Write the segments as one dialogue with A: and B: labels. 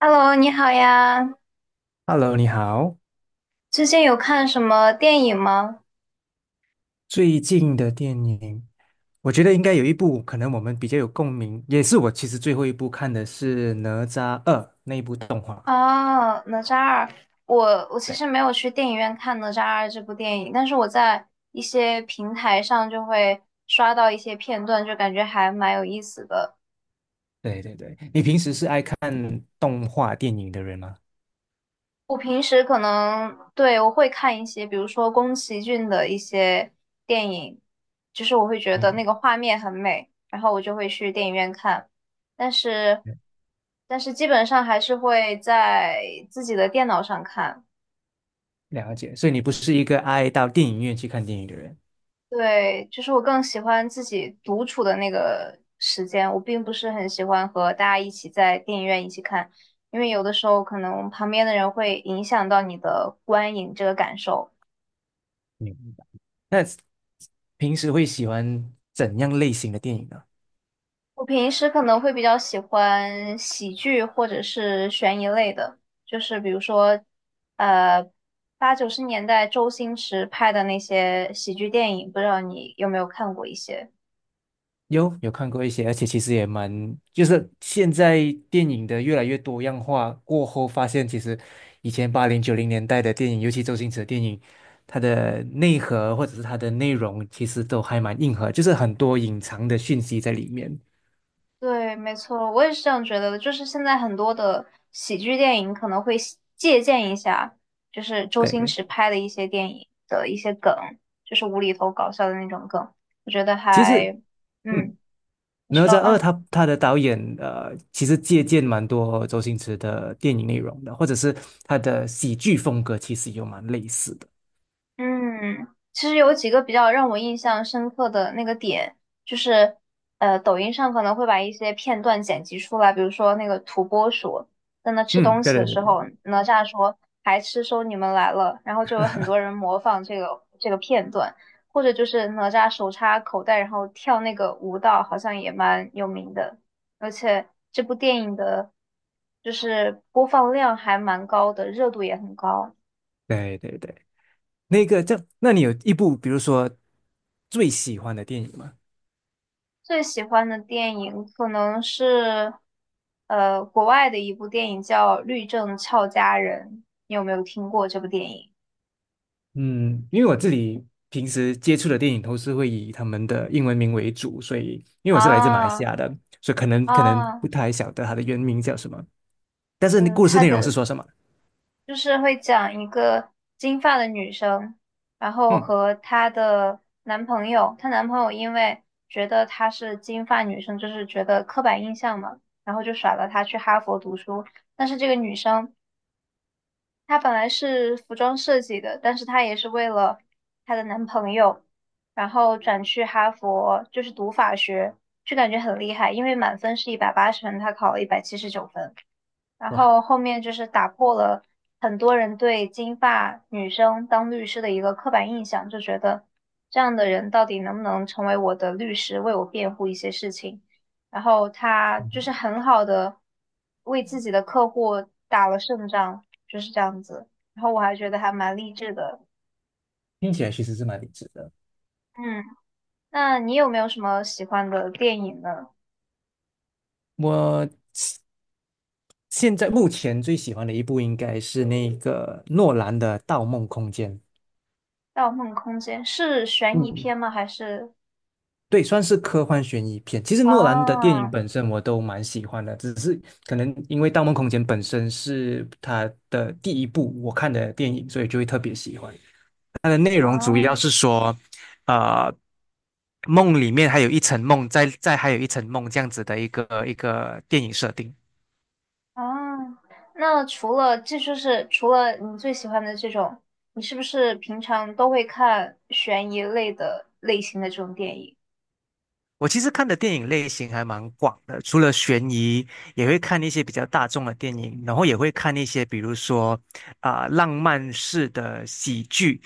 A: Hello，你好呀！
B: Hello,你好。
A: 最近有看什么电影吗？
B: 最近的电影，我觉得应该有一部可能我们比较有共鸣，也是我其实最后一部看的是《哪吒二》那一部动画。
A: 哦，哪吒二，我我其
B: 对
A: 实没有去电影院看哪吒二这部电影，但是我在一些平台上就会刷到一些片段，就感觉还蛮有意思的。
B: 对对对，你平时是爱看动画电影的人吗？
A: 我平时可能，对，我会看一些，比如说宫崎骏的一些电影，就是我会觉得那
B: 你
A: 个画面很美，然后我就会去电影院看。但是，
B: 嗯
A: 但是基本上还是会在自己的电脑上看。
B: 了解，所以你不是一个爱到电影院去看电影的人。
A: 对，就是我更喜欢自己独处的那个时间，我并不是很喜欢和大家一起在电影院一起看，因为有的时候可能旁边的人会影响到你的观影这个感受。
B: 明白。那平时会喜欢怎样类型的电影呢？
A: 我平时可能会比较喜欢喜剧或者是悬疑类的，就是比如说，呃，八九十年代周星驰拍的那些喜剧电影，不知道你有没有看过一些？
B: 有有看过一些，而且其实也蛮，就是现在电影的越来越多样化过后，发现其实以前八零九零年代的电影，尤其周星驰的电影，它的内核或者是它的内容，其实都还蛮硬核，就是很多隐藏的讯息在里面。
A: 对，没错，我也是这样觉得的。就是现在很多的喜剧电影可能会喜借鉴一下，就是周星
B: 对，
A: 驰拍的一些电影的一些梗，就是无厘头搞笑的那种梗，我觉得
B: 其实
A: 还，嗯，
B: 嗯，
A: 你
B: 哪
A: 说，
B: 吒二
A: 嗯。
B: 他的导演其实借鉴蛮多周星驰的电影内容的，或者是他的喜剧风格，其实有蛮类似的。
A: 嗯，其实有几个比较让我印象深刻的那个点，就是抖音上可能会把一些片段剪辑出来，比如说那个土拨鼠在那吃
B: 嗯，
A: 东
B: 对
A: 西的
B: 对
A: 时
B: 对
A: 候，哪吒说“还吃收你们来了”，然后就有很多人模仿这个片段，或者就是哪吒手插口袋然后跳那个舞蹈，好像也蛮有名的，而且这部电影的就是播放量还蛮高的，热度也很高。
B: 对对对对。那个叫，那你有一部比如说最喜欢的电影吗？
A: 最喜欢的电影可能是，国外的一部电影叫《律政俏佳人》，你有没有听过这部电影？
B: 嗯，因为我自己平时接触的电影都是会以他们的英文名为主，所以因为我是来自马来西
A: 啊
B: 亚的，所以可能不
A: 啊，
B: 太晓得它的原名叫什么，但是故事
A: 她
B: 内容是
A: 的
B: 说什么？
A: 就是会讲一个金发的女生，然后
B: 嗯，
A: 和她的男朋友，她男朋友因为觉得她是金发女生，就是觉得刻板印象嘛，然后就甩了她去哈佛读书，但是这个女生。她本来是服装设计的，但是她也是为了她的男朋友，然后转去哈佛，就是读法学，就感觉很厉害，因为满分是180分，她考了179分。然
B: 哇，
A: 后后面就是打破了很多人对金发女生当律师的一个刻板印象，就觉得这样的人到底能不能成为我的律师，为我辩护一些事情。然后他就是
B: 嗯
A: 很好的为自己的客户打了胜仗，就是这样子。然后我还觉得还蛮励志的。
B: 听起来其实是蛮励志的。
A: 嗯，那你有没有什么喜欢的电影呢？
B: 我现现在目前最喜欢的一部应该是那个诺兰的《盗梦空间》。
A: 《盗梦空间》是悬疑
B: 嗯，
A: 片吗？还是？
B: 对，算是科幻悬疑片。其实诺兰的电
A: 哦
B: 影本身我都蛮喜欢的，只是可能因为《盗梦空间》本身是他的第一部我看的电影，所以就会特别喜欢。它的内容主要是
A: 哦。
B: 说，呃，梦里面还有一层梦，在还有一层梦这样子的一个电影设定。
A: 啊，那除了这就是除了你最喜欢的这种，你是不是平常都会看悬疑类的类型的这种电影？
B: 我其实看的电影类型还蛮广的，除了悬疑，也会看一些比较大众的电影，然后也会看一些比如说啊、浪漫式的喜剧。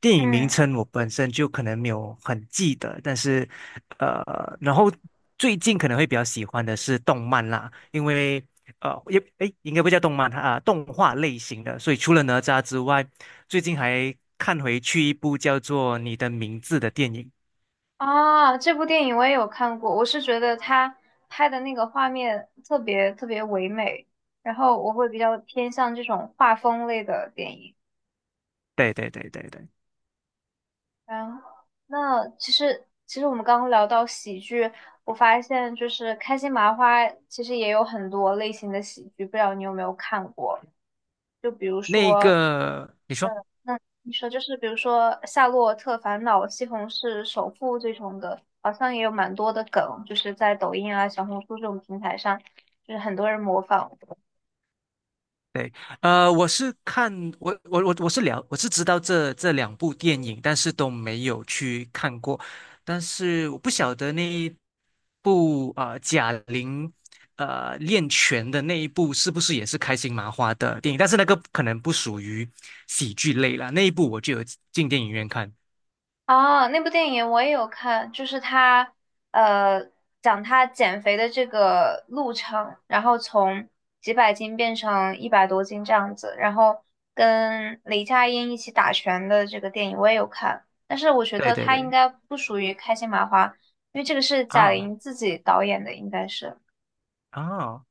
B: 电影名
A: 嗯，
B: 称我本身就可能没有很记得，但是然后最近可能会比较喜欢的是动漫啦，因为也诶应该不叫动漫啊、动画类型的，所以除了哪吒之外，最近还看回去一部叫做《你的名字》的电影。
A: 啊，这部电影我也有看过，我是觉得他拍的那个画面特别特别唯美，然后我会比较偏向这种画风类的电影。
B: 对对对对对。
A: 然后那其实我们刚刚聊到喜剧，我发现就是开心麻花其实也有很多类型的喜剧，不知道你有没有看过？就比如
B: 那
A: 说，
B: 个，你说，
A: 那你说就是比如说《夏洛特烦恼》《西红柿首富》这种的，好像也有蛮多的梗，就是在抖音啊、小红书这种平台上，就是很多人模仿。
B: 对，我是看我是了，我是知道这两部电影，但是都没有去看过，但是我不晓得那一部贾玲练拳的那一部是不是也是开心麻花的电影，但是那个可能不属于喜剧类啦，那一部我就有进电影院看，
A: 啊，那部电影我也有看，就是他呃讲他减肥的这个路程，然后从几百斤变成100多斤这样子，然后跟雷佳音一起打拳的这个电影我也有看，但是我觉
B: 对
A: 得
B: 对
A: 他应
B: 对，
A: 该不属于开心麻花，因为这个是贾
B: 啊
A: 玲自己导演的，应该是
B: 啊。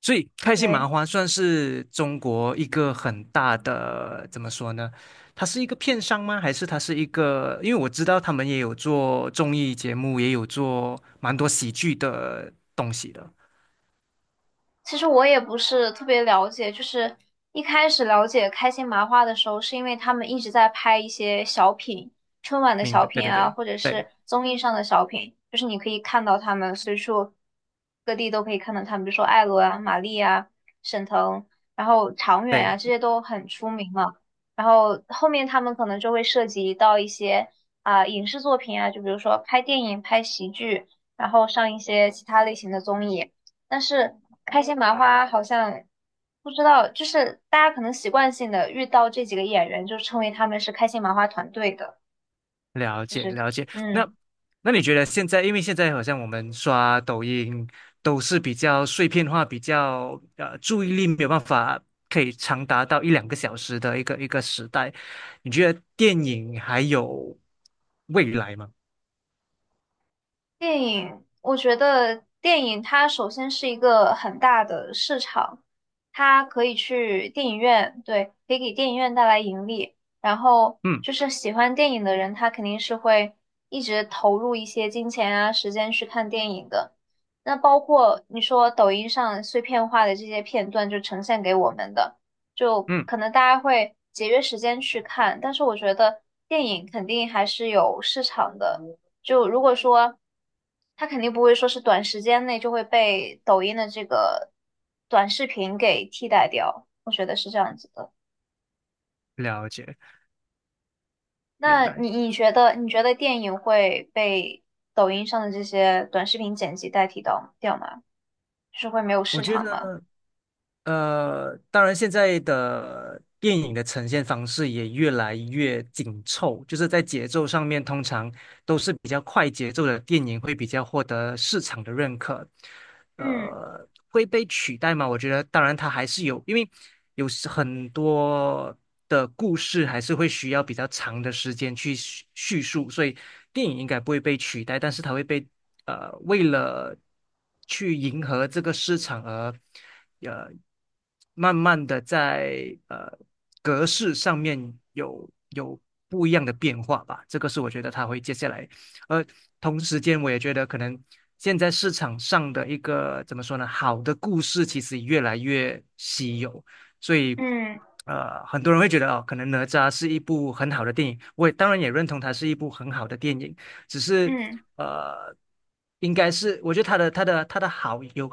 B: 所以开心麻
A: 对。
B: 花算是中国一个很大的，怎么说呢？它是一个片商吗？还是它是一个？因为我知道他们也有做综艺节目，也有做蛮多喜剧的东西的。
A: 其实我也不是特别了解，就是一开始了解开心麻花的时候，是因为他们一直在拍一些小品，春晚的
B: 明
A: 小
B: 白，对
A: 品
B: 对
A: 啊，
B: 对
A: 或者是
B: 对
A: 综艺上的小品，就是你可以看到他们随处各地都可以看到他们，比如说艾伦啊、马丽啊、沈腾，然后常远啊，这
B: 对。
A: 些都很出名嘛。然后后面他们可能就会涉及到一些啊、影视作品啊，就比如说拍电影、拍喜剧，然后上一些其他类型的综艺。但是开心麻花好像不知道，就是大家可能习惯性的遇到这几个演员，就称为他们是开心麻花团队的，
B: 了
A: 就
B: 解
A: 是
B: 了解，那
A: 嗯。
B: 那你觉得现在，因为现在好像我们刷抖音都是比较碎片化，比较注意力没有办法可以长达到一两个小时的一个时代，你觉得电影还有未来吗？
A: 电影，我觉得电影它首先是一个很大的市场，它可以去电影院，对，可以给电影院带来盈利。然后
B: 嗯
A: 就是喜欢电影的人，他肯定是会一直投入一些金钱啊、时间去看电影的。那包括你说抖音上碎片化的这些片段，就呈现给我们的，就
B: 嗯，
A: 可能大家会节约时间去看，但是我觉得电影肯定还是有市场的。就如果说他肯定不会说是短时间内就会被抖音的这个短视频给替代掉，我觉得是这样子的。
B: 了解，明
A: 那
B: 白。
A: 你觉得电影会被抖音上的这些短视频剪辑代替到掉吗？就是会没有
B: 我
A: 市
B: 觉
A: 场吗？
B: 得。当然，现在的电影的呈现方式也越来越紧凑，就是在节奏上面，通常都是比较快节奏的电影会比较获得市场的认可。
A: 嗯
B: 会被取代吗？我觉得，当然它还是有，因为有时很多的故事还是会需要比较长的时间去叙述，所以电影应该不会被取代，但是它会被为了。去迎合这个市场而，呃，慢慢的在格式上面有不一样的变化吧。这个是我觉得它会接下来，而同时间我也觉得可能现在市场上的一个怎么说呢，好的故事其实越来越稀有，所以。
A: 嗯
B: 很多人会觉得哦，可能哪吒是一部很好的电影，我也当然也认同它是一部很好的电影，只是
A: 嗯。
B: 呃，应该是我觉得他的好有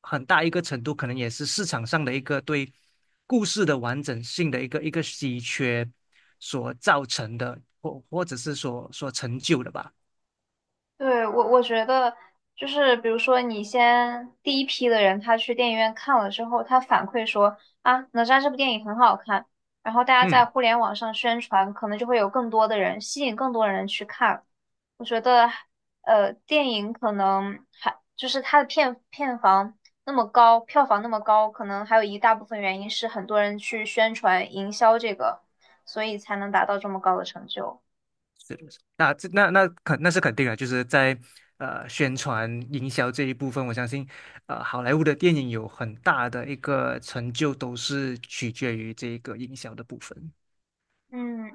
B: 很大一个程度，可能也是市场上的一个对故事的完整性的一个稀缺所造成的，或者是所所成就的吧。
A: 对，我我觉得就是，比如说你先第一批的人，他去电影院看了之后，他反馈说啊，哪吒这部电影很好看，然后大家在
B: 嗯，
A: 互联网上宣传，可能就会有更多的人吸引更多的人去看。我觉得，呃，电影可能还就是它的片片房那么高，票房那么高，可能还有一大部分原因是很多人去宣传营销这个，所以才能达到这么高的成就。
B: 那这那那肯那是肯定的，就是在宣传营销这一部分，我相信好莱坞的电影有很大的一个成就，都是取决于这个营销的部分。
A: 嗯，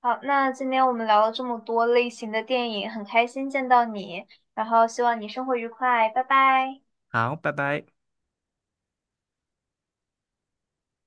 A: 好，那今天我们聊了这么多类型的电影，很开心见到你，然后希望你生活愉快，拜拜。
B: 好，拜拜。